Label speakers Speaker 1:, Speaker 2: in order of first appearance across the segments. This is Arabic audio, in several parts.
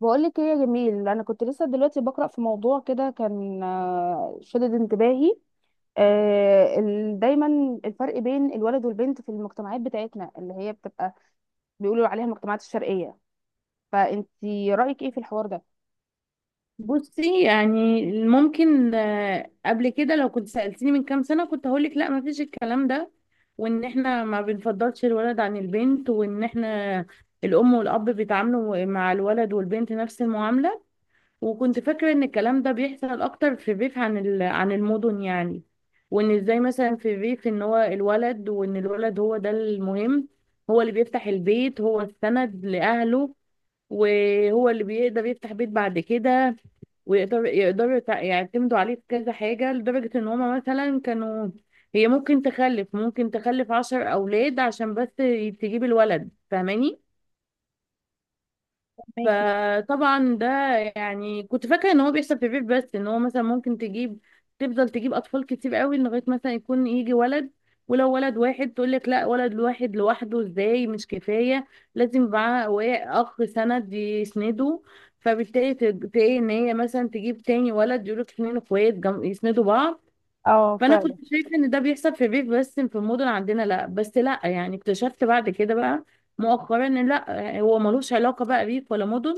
Speaker 1: بقولك ايه يا جميل، انا كنت لسه دلوقتي بقرا في موضوع كده كان، شدد انتباهي. دايما الفرق بين الولد والبنت في المجتمعات بتاعتنا اللي هي بتبقى بيقولوا عليها المجتمعات الشرقيه، فانتي رايك ايه في الحوار ده؟
Speaker 2: بصي، يعني ممكن قبل كده لو كنت سألتيني من كام سنة كنت هقولك لا، ما فيش الكلام ده، وان احنا ما بنفضلش الولد عن البنت، وان احنا الام والاب بيتعاملوا مع الولد والبنت نفس المعاملة. وكنت فاكرة ان الكلام ده بيحصل اكتر في الريف عن عن المدن يعني. وان ازاي مثلا في الريف ان هو الولد، وان الولد هو ده المهم، هو اللي بيفتح البيت، هو السند لأهله، وهو اللي بيقدر يفتح بيت بعد كده، ويقدر يقدروا يعتمدوا عليه في كذا حاجة، لدرجة ان هما مثلا كانوا هي ممكن تخلف 10 أولاد عشان بس تجيب الولد، فاهماني؟
Speaker 1: ماكي.
Speaker 2: فطبعا ده يعني كنت فاكره ان هو بيحصل في الريف بس، ان هو مثلا ممكن تجيب، تفضل تجيب اطفال كتير قوي لغايه مثلا يكون يجي ولد. ولو ولد واحد تقول لك لا، ولد واحد لوحده ازاي؟ مش كفايه، لازم يبقى معاه اخ سند يسنده. فبالتالي تلاقي ان هي مثلا تجيب تاني ولد، يقول لك 2 اخوات يسندوا بعض.
Speaker 1: اه
Speaker 2: فانا كنت
Speaker 1: فعلا.
Speaker 2: شايفه ان ده بيحصل في الريف بس، في المدن عندنا لا. بس لا، يعني اكتشفت بعد كده بقى مؤخرا ان لا، هو ملوش علاقه بقى ريف ولا مدن.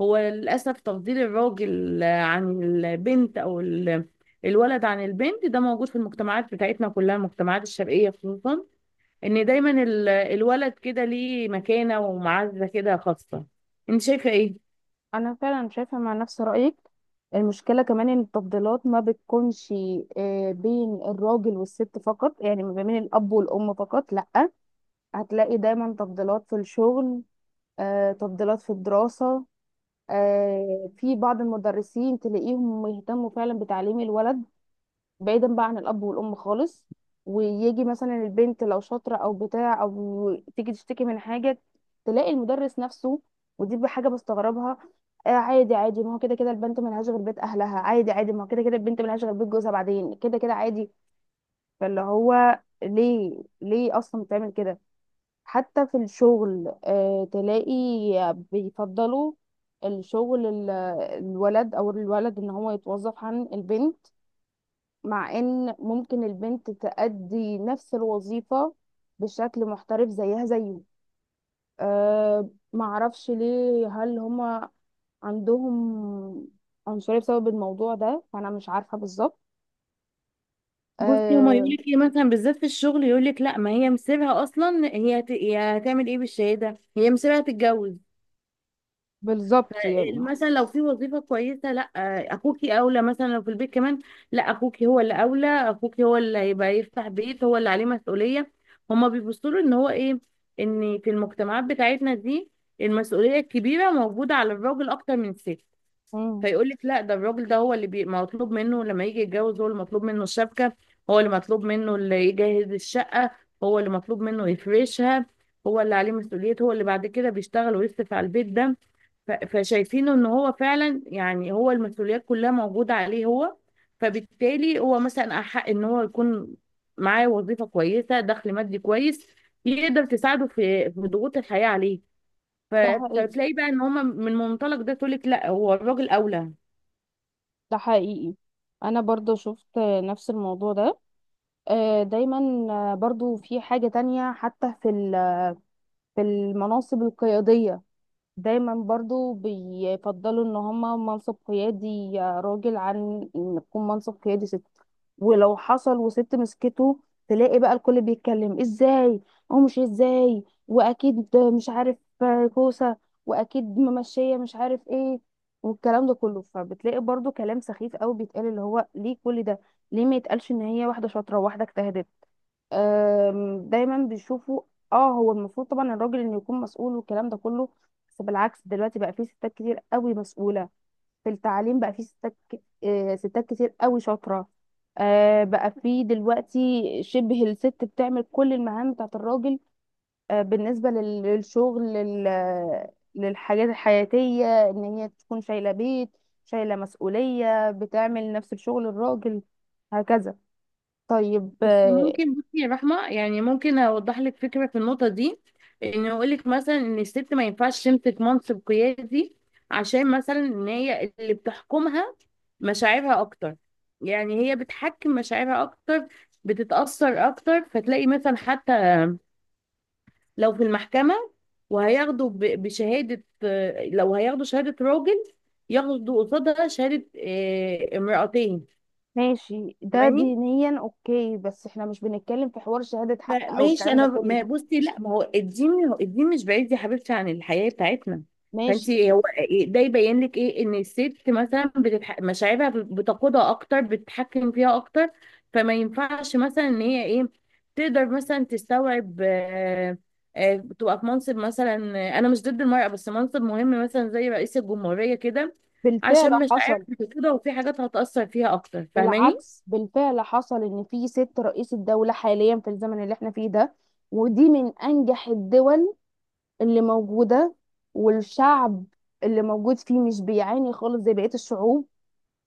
Speaker 2: هو للاسف تفضيل الراجل عن البنت، او الولد عن البنت، ده موجود في المجتمعات بتاعتنا كلها، المجتمعات الشرقيه خصوصا. ان دايما الولد كده ليه مكانه ومعزه كده خاصه. انت شايفه ايه؟
Speaker 1: انا فعلا شايفه مع نفس رايك. المشكله كمان ان التفضيلات ما بتكونش بين الراجل والست فقط، يعني ما بين الاب والام فقط، لا. هتلاقي دايما تفضيلات في الشغل، تفضيلات في الدراسه. في بعض المدرسين تلاقيهم يهتموا فعلا بتعليم الولد، بعيدا بقى عن الاب والام خالص. ويجي مثلا البنت لو شاطره او بتاع او تيجي تشتكي من حاجه، تلاقي المدرس نفسه، ودي بحاجه بستغربها، آه، عادي عادي، ما هو كده كده البنت ملهاش غير بيت اهلها، عادي عادي، ما هو كده كده البنت ملهاش غير بيت جوزها بعدين، كده كده عادي. فاللي هو ليه ليه اصلا بتعمل كده؟ حتى في الشغل تلاقي بيفضلوا الشغل ال- الولد، او الولد ان هو يتوظف عن البنت، مع ان ممكن البنت تأدي نفس الوظيفة بشكل محترف زيها زيه. أه، معرفش ليه، هل هما عندهم عنصرية بسبب الموضوع ده؟ فأنا مش عارفة بالظبط.
Speaker 2: بصي، هما يقول
Speaker 1: أه.
Speaker 2: لك ايه مثلا؟ بالذات في الشغل يقول لك لا، ما هي مسيبها اصلا، هي هي هتعمل ايه بالشهاده؟ هي مسيبها تتجوز. ف-
Speaker 1: بالظبط يعني.
Speaker 2: مثلا لو في وظيفه كويسه، لا، اخوكي اولى. مثلا لو في البيت كمان، لا، اخوكي هو اللي اولى، اخوكي هو اللي هيبقى يفتح بيت، هو اللي عليه مسؤوليه. هما بيبصوا له ان هو ايه؟ ان في المجتمعات بتاعتنا دي المسؤوليه الكبيره موجوده على الراجل اكتر من الست.
Speaker 1: مم.
Speaker 2: فيقول لك لا، ده الراجل ده هو اللي مطلوب منه لما يجي يتجوز، هو اللي مطلوب منه الشبكة، هو اللي مطلوب منه اللي يجهز الشقة، هو اللي مطلوب منه يفرشها، هو اللي عليه مسؤولية، هو اللي بعد كده بيشتغل ويصرف على البيت ده. فشايفينه ان هو فعلا يعني هو المسؤوليات كلها موجودة عليه هو. فبالتالي هو مثلا أحق ان هو يكون معاه وظيفة كويسة، دخل مادي كويس، يقدر تساعده في ضغوط الحياة عليه. ف...
Speaker 1: ده حقيقي.
Speaker 2: فتلاقي بقى ان هما من منطلق ده تقولك لا، هو الراجل أولى.
Speaker 1: ده حقيقي. أنا برضو شفت نفس الموضوع ده. دايما. برضو في حاجة تانية حتى في في المناصب القيادية، دايما برضو بيفضلوا ان هما منصب قيادي راجل عن ان يكون منصب قيادي ست. ولو حصل وست مسكته، تلاقي بقى الكل بيتكلم ازاي، او مش ازاي واكيد مش عارف، كوسة، واكيد ممشية مش عارف ايه، والكلام ده كله. فبتلاقي برضو كلام سخيف قوي بيتقال، اللي هو ليه كل ده؟ ليه ما يتقالش ان هي واحدة شاطرة وواحدة اجتهدت؟ دايما بيشوفوا اه هو المفروض طبعا الراجل انه يكون مسؤول، والكلام ده كله. بس بالعكس دلوقتي بقى في ستات كتير قوي مسؤولة، في التعليم بقى في ستات كتير قوي شاطرة. بقى في دلوقتي شبه الست بتعمل كل المهام بتاعت الراجل، بالنسبة للشغل، للحاجات الحياتية، ان هي تكون شايلة بيت، شايلة مسؤولية، بتعمل نفس الشغل الراجل، هكذا. طيب،
Speaker 2: بس ممكن بصي يا رحمة، يعني ممكن أوضح لك فكرة في النقطة دي، إن أقول لك مثلا إن الست ما ينفعش تمسك منصب قيادي عشان مثلا إن هي اللي بتحكمها مشاعرها أكتر. يعني هي بتحكم مشاعرها أكتر، بتتأثر أكتر. فتلاقي مثلا حتى لو في المحكمة وهياخدوا بشهادة، لو هياخدوا شهادة راجل، ياخدوا قصادها شهادة امرأتين.
Speaker 1: ماشي. ده
Speaker 2: فاهماني؟
Speaker 1: دينيا اوكي، بس احنا مش بنتكلم في حوار شهادة حق او
Speaker 2: ماشي،
Speaker 1: الكلام ده
Speaker 2: انا
Speaker 1: كله.
Speaker 2: ما بصي، لا، ما هو الدين هو الدين مش بعيد يا حبيبتي عن الحياه بتاعتنا.
Speaker 1: ماشي.
Speaker 2: فانت هو ده يبين لك ايه؟ ان الست مثلا مشاعرها بتقودها اكتر، بتتحكم فيها اكتر. فما ينفعش مثلا ان هي ايه، تقدر مثلا تستوعب، تبقى في منصب مثلا، انا مش ضد المرأة، بس منصب مهم مثلا زي رئيس الجمهورية كده،
Speaker 1: بالفعل
Speaker 2: عشان مشاعرها
Speaker 1: حصل.
Speaker 2: بتقودها، وفي حاجات هتأثر فيها اكتر، فاهماني؟
Speaker 1: بالعكس، بالفعل حصل ان في ست رئيس الدولة حاليا في الزمن اللي احنا فيه ده، ودي من انجح الدول اللي موجودة، والشعب اللي موجود فيه مش بيعاني خالص زي بقية الشعوب.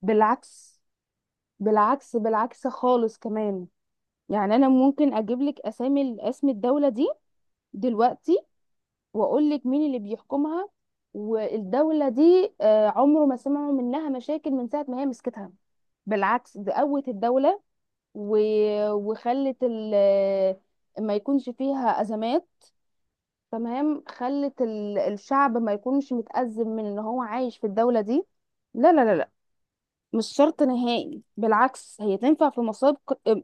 Speaker 1: بالعكس. بالعكس، بالعكس خالص كمان. يعني انا ممكن اجيب لك اسامي، اسم الدولة دي دلوقتي، واقول لك مين اللي بيحكمها. والدولة دي عمره ما سمعوا منها مشاكل من ساعة ما هي مسكتها. بالعكس، ده قوت الدولة و... وخلت ال... ما يكونش فيها أزمات. تمام، خلت ال... الشعب ما يكونش متأزم من ان هو عايش في الدولة دي. لا لا لا لا، مش شرط نهائي. بالعكس، هي تنفع في مصاب،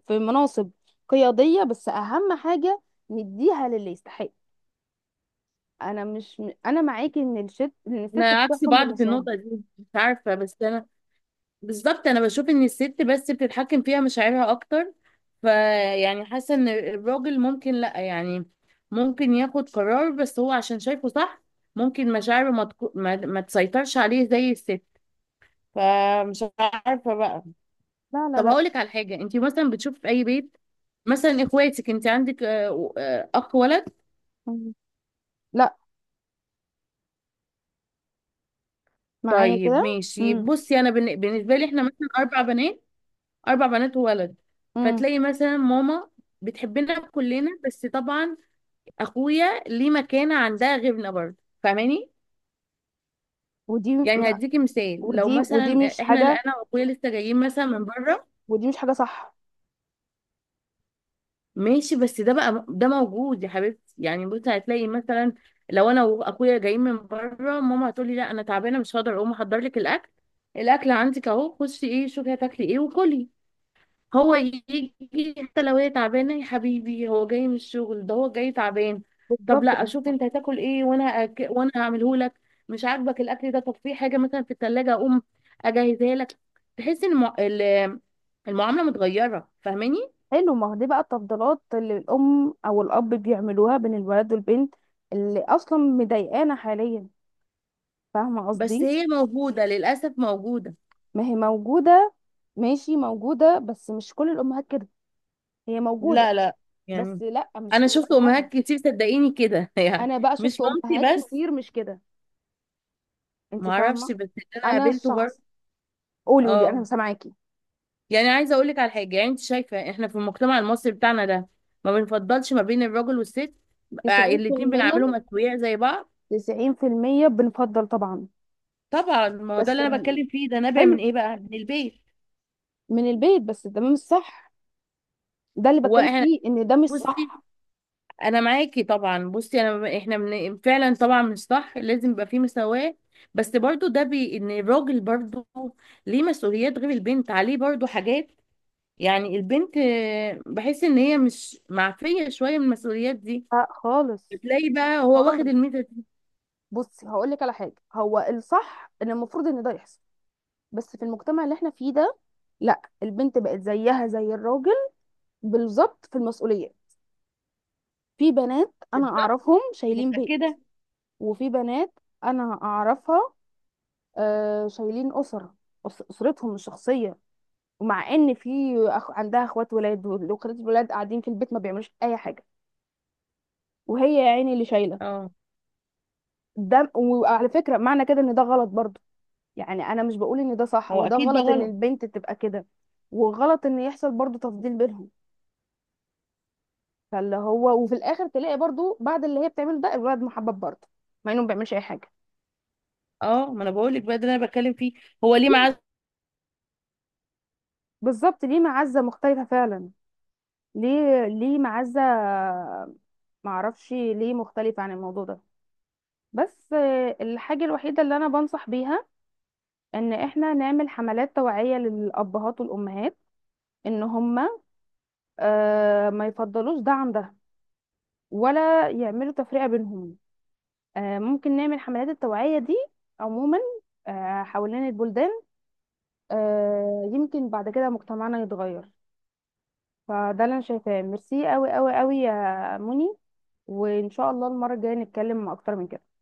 Speaker 1: في مناصب قيادية، بس أهم حاجة نديها للي يستحق. انا مش انا معاكي ان الست، ان الست
Speaker 2: انا عكس
Speaker 1: بتحكم
Speaker 2: بعض في
Speaker 1: بمشاعرها.
Speaker 2: النقطة دي، مش عارفة، بس انا بالظبط انا بشوف ان الست بس بتتحكم فيها مشاعرها اكتر. فيعني حاسه ان الراجل ممكن لا، يعني ممكن ياخد قرار بس هو عشان شايفه صح. ممكن مشاعره ما, تكو... ما... ما تسيطرش عليه زي الست. فمش عارفه بقى.
Speaker 1: لا لا
Speaker 2: طب
Speaker 1: لا.
Speaker 2: هقول لك على حاجه، انت مثلا بتشوف في اي بيت، مثلا اخواتك انت عندك اخ ولد.
Speaker 1: مم. لا، معايا
Speaker 2: طيب
Speaker 1: كده.
Speaker 2: ماشي، بصي، انا بالنسبه لي احنا مثلا 4 بنات، 4 بنات وولد.
Speaker 1: امم
Speaker 2: فتلاقي مثلا ماما بتحبنا كلنا، بس طبعا اخويا ليه مكانه عندها غيرنا برضه، فاهماني؟
Speaker 1: ودي
Speaker 2: يعني هديكي مثال. لو
Speaker 1: ودي، ودي
Speaker 2: مثلا
Speaker 1: مش
Speaker 2: احنا
Speaker 1: حاجه،
Speaker 2: انا واخويا لسه جايين مثلا من بره،
Speaker 1: ودي مش حاجه صح.
Speaker 2: ماشي، بس ده بقى ده موجود يا حبيبتي، يعني بصي هتلاقي مثلا، لو انا واخويا جايين من بره، ماما هتقولي لا، انا تعبانه مش هقدر اقوم احضر لك الاكل، الاكل عندك اهو، خشي ايه شوفي هتاكلي ايه وكلي. هو يجي، حتى لو هي تعبانة، يا حبيبي هو جاي من الشغل، ده هو جاي تعبان، طب
Speaker 1: بالظبط،
Speaker 2: لا،
Speaker 1: مش
Speaker 2: اشوف
Speaker 1: صح.
Speaker 2: انت هتاكل ايه، وانا وانا هعمله لك. مش عاجبك الاكل ده؟ طب في حاجة مثلا في التلاجة، اقوم اجهزها لك. تحس ان المعاملة متغيرة، فاهماني؟
Speaker 1: حلو، ما هو دي بقى التفضيلات اللي الام او الاب بيعملوها بين الولد والبنت، اللي اصلا مضايقانا حاليا، فاهمه
Speaker 2: بس
Speaker 1: قصدي.
Speaker 2: هي موجودة للأسف، موجودة.
Speaker 1: ما هي موجوده، ماشي موجوده، بس مش كل الامهات كده. هي موجوده،
Speaker 2: لا لا،
Speaker 1: بس
Speaker 2: يعني
Speaker 1: لا مش
Speaker 2: انا شفت
Speaker 1: استحاله.
Speaker 2: امهات كتير صدقيني كده، يعني
Speaker 1: انا بقى شفت
Speaker 2: مش
Speaker 1: امهات
Speaker 2: مامتي بس.
Speaker 1: كتير مش كده، انت
Speaker 2: معرفش،
Speaker 1: فاهمه.
Speaker 2: بس اللي انا
Speaker 1: انا
Speaker 2: قابلته
Speaker 1: الشخص،
Speaker 2: برضه.
Speaker 1: قولي قولي انا
Speaker 2: اه،
Speaker 1: سامعاكي.
Speaker 2: يعني عايزه اقول لك على حاجه. يعني انت شايفه احنا في المجتمع المصري بتاعنا ده ما بنفضلش ما بين الراجل والست؟ الاتنين
Speaker 1: 90%.
Speaker 2: بنعملهم اسوياء زي بعض؟
Speaker 1: 90% بنفضل طبعا
Speaker 2: طبعا، ما هو ده
Speaker 1: بس.
Speaker 2: اللي انا بتكلم فيه، ده نابع من
Speaker 1: حلو،
Speaker 2: ايه بقى؟ من البيت.
Speaker 1: من البيت، بس ده مش صح. ده اللي
Speaker 2: هو
Speaker 1: بتكلم
Speaker 2: احنا،
Speaker 1: فيه، ان ده مش
Speaker 2: بصي،
Speaker 1: صح.
Speaker 2: انا معاكي طبعا. بصي انا، احنا من فعلا طبعا مش صح، لازم يبقى فيه مساواه. بس برضو ده بي ان الراجل برضو ليه مسؤوليات، غير البنت عليه برضو حاجات. يعني البنت بحس ان هي مش معفيه شويه من المسؤوليات دي.
Speaker 1: آه خالص.
Speaker 2: بتلاقي بقى هو واخد
Speaker 1: خالص،
Speaker 2: الميزه.
Speaker 1: بصي هقول لك على حاجه، هو الصح ان المفروض ان ده يحصل، بس في المجتمع اللي احنا فيه ده لا، البنت بقت زيها زي الراجل بالظبط في المسؤوليه. في بنات انا
Speaker 2: بالظبط.
Speaker 1: اعرفهم شايلين بيت،
Speaker 2: متأكدة.
Speaker 1: وفي بنات انا اعرفها شايلين أسر، أسرتهم الشخصية، ومع إن في أخ... عندها إخوات ولاد، وأخوات الولاد قاعدين في البيت ما بيعملوش أي حاجة، وهي يا عيني اللي شايلة.
Speaker 2: اه،
Speaker 1: ده وعلى فكرة معنى كده إن ده غلط برضه، يعني أنا مش بقول إن ده صح،
Speaker 2: هو
Speaker 1: هو ده
Speaker 2: أكيد ده
Speaker 1: غلط إن
Speaker 2: غلط.
Speaker 1: البنت تبقى كده، وغلط إن يحصل برضه تفضيل بينهم. فاللي هو وفي الآخر تلاقي برضه بعد اللي هي بتعمله ده، الولد محبب برضه مع إنه ما بيعملش أي حاجة.
Speaker 2: اه، ما أنا بقول لك بقى، ده اللي أنا بتكلم فيه. هو ليه معاه
Speaker 1: بالظبط، ليه معزة مختلفة فعلا، ليه ليه معزة، معرفش ليه مختلف عن الموضوع ده. بس الحاجة الوحيدة اللي أنا بنصح بيها، إن إحنا نعمل حملات توعية للأبهات والأمهات، إن هما ما يفضلوش ده عن ده، ولا يعملوا تفرقة بينهم. ممكن نعمل حملات التوعية دي عموما، حوالين البلدان، يمكن بعد كده مجتمعنا يتغير. فده اللي أنا شايفاه. ميرسي أوي أوي أوي يا مني، وإن شاء الله المرة الجاية نتكلم أكتر من كده.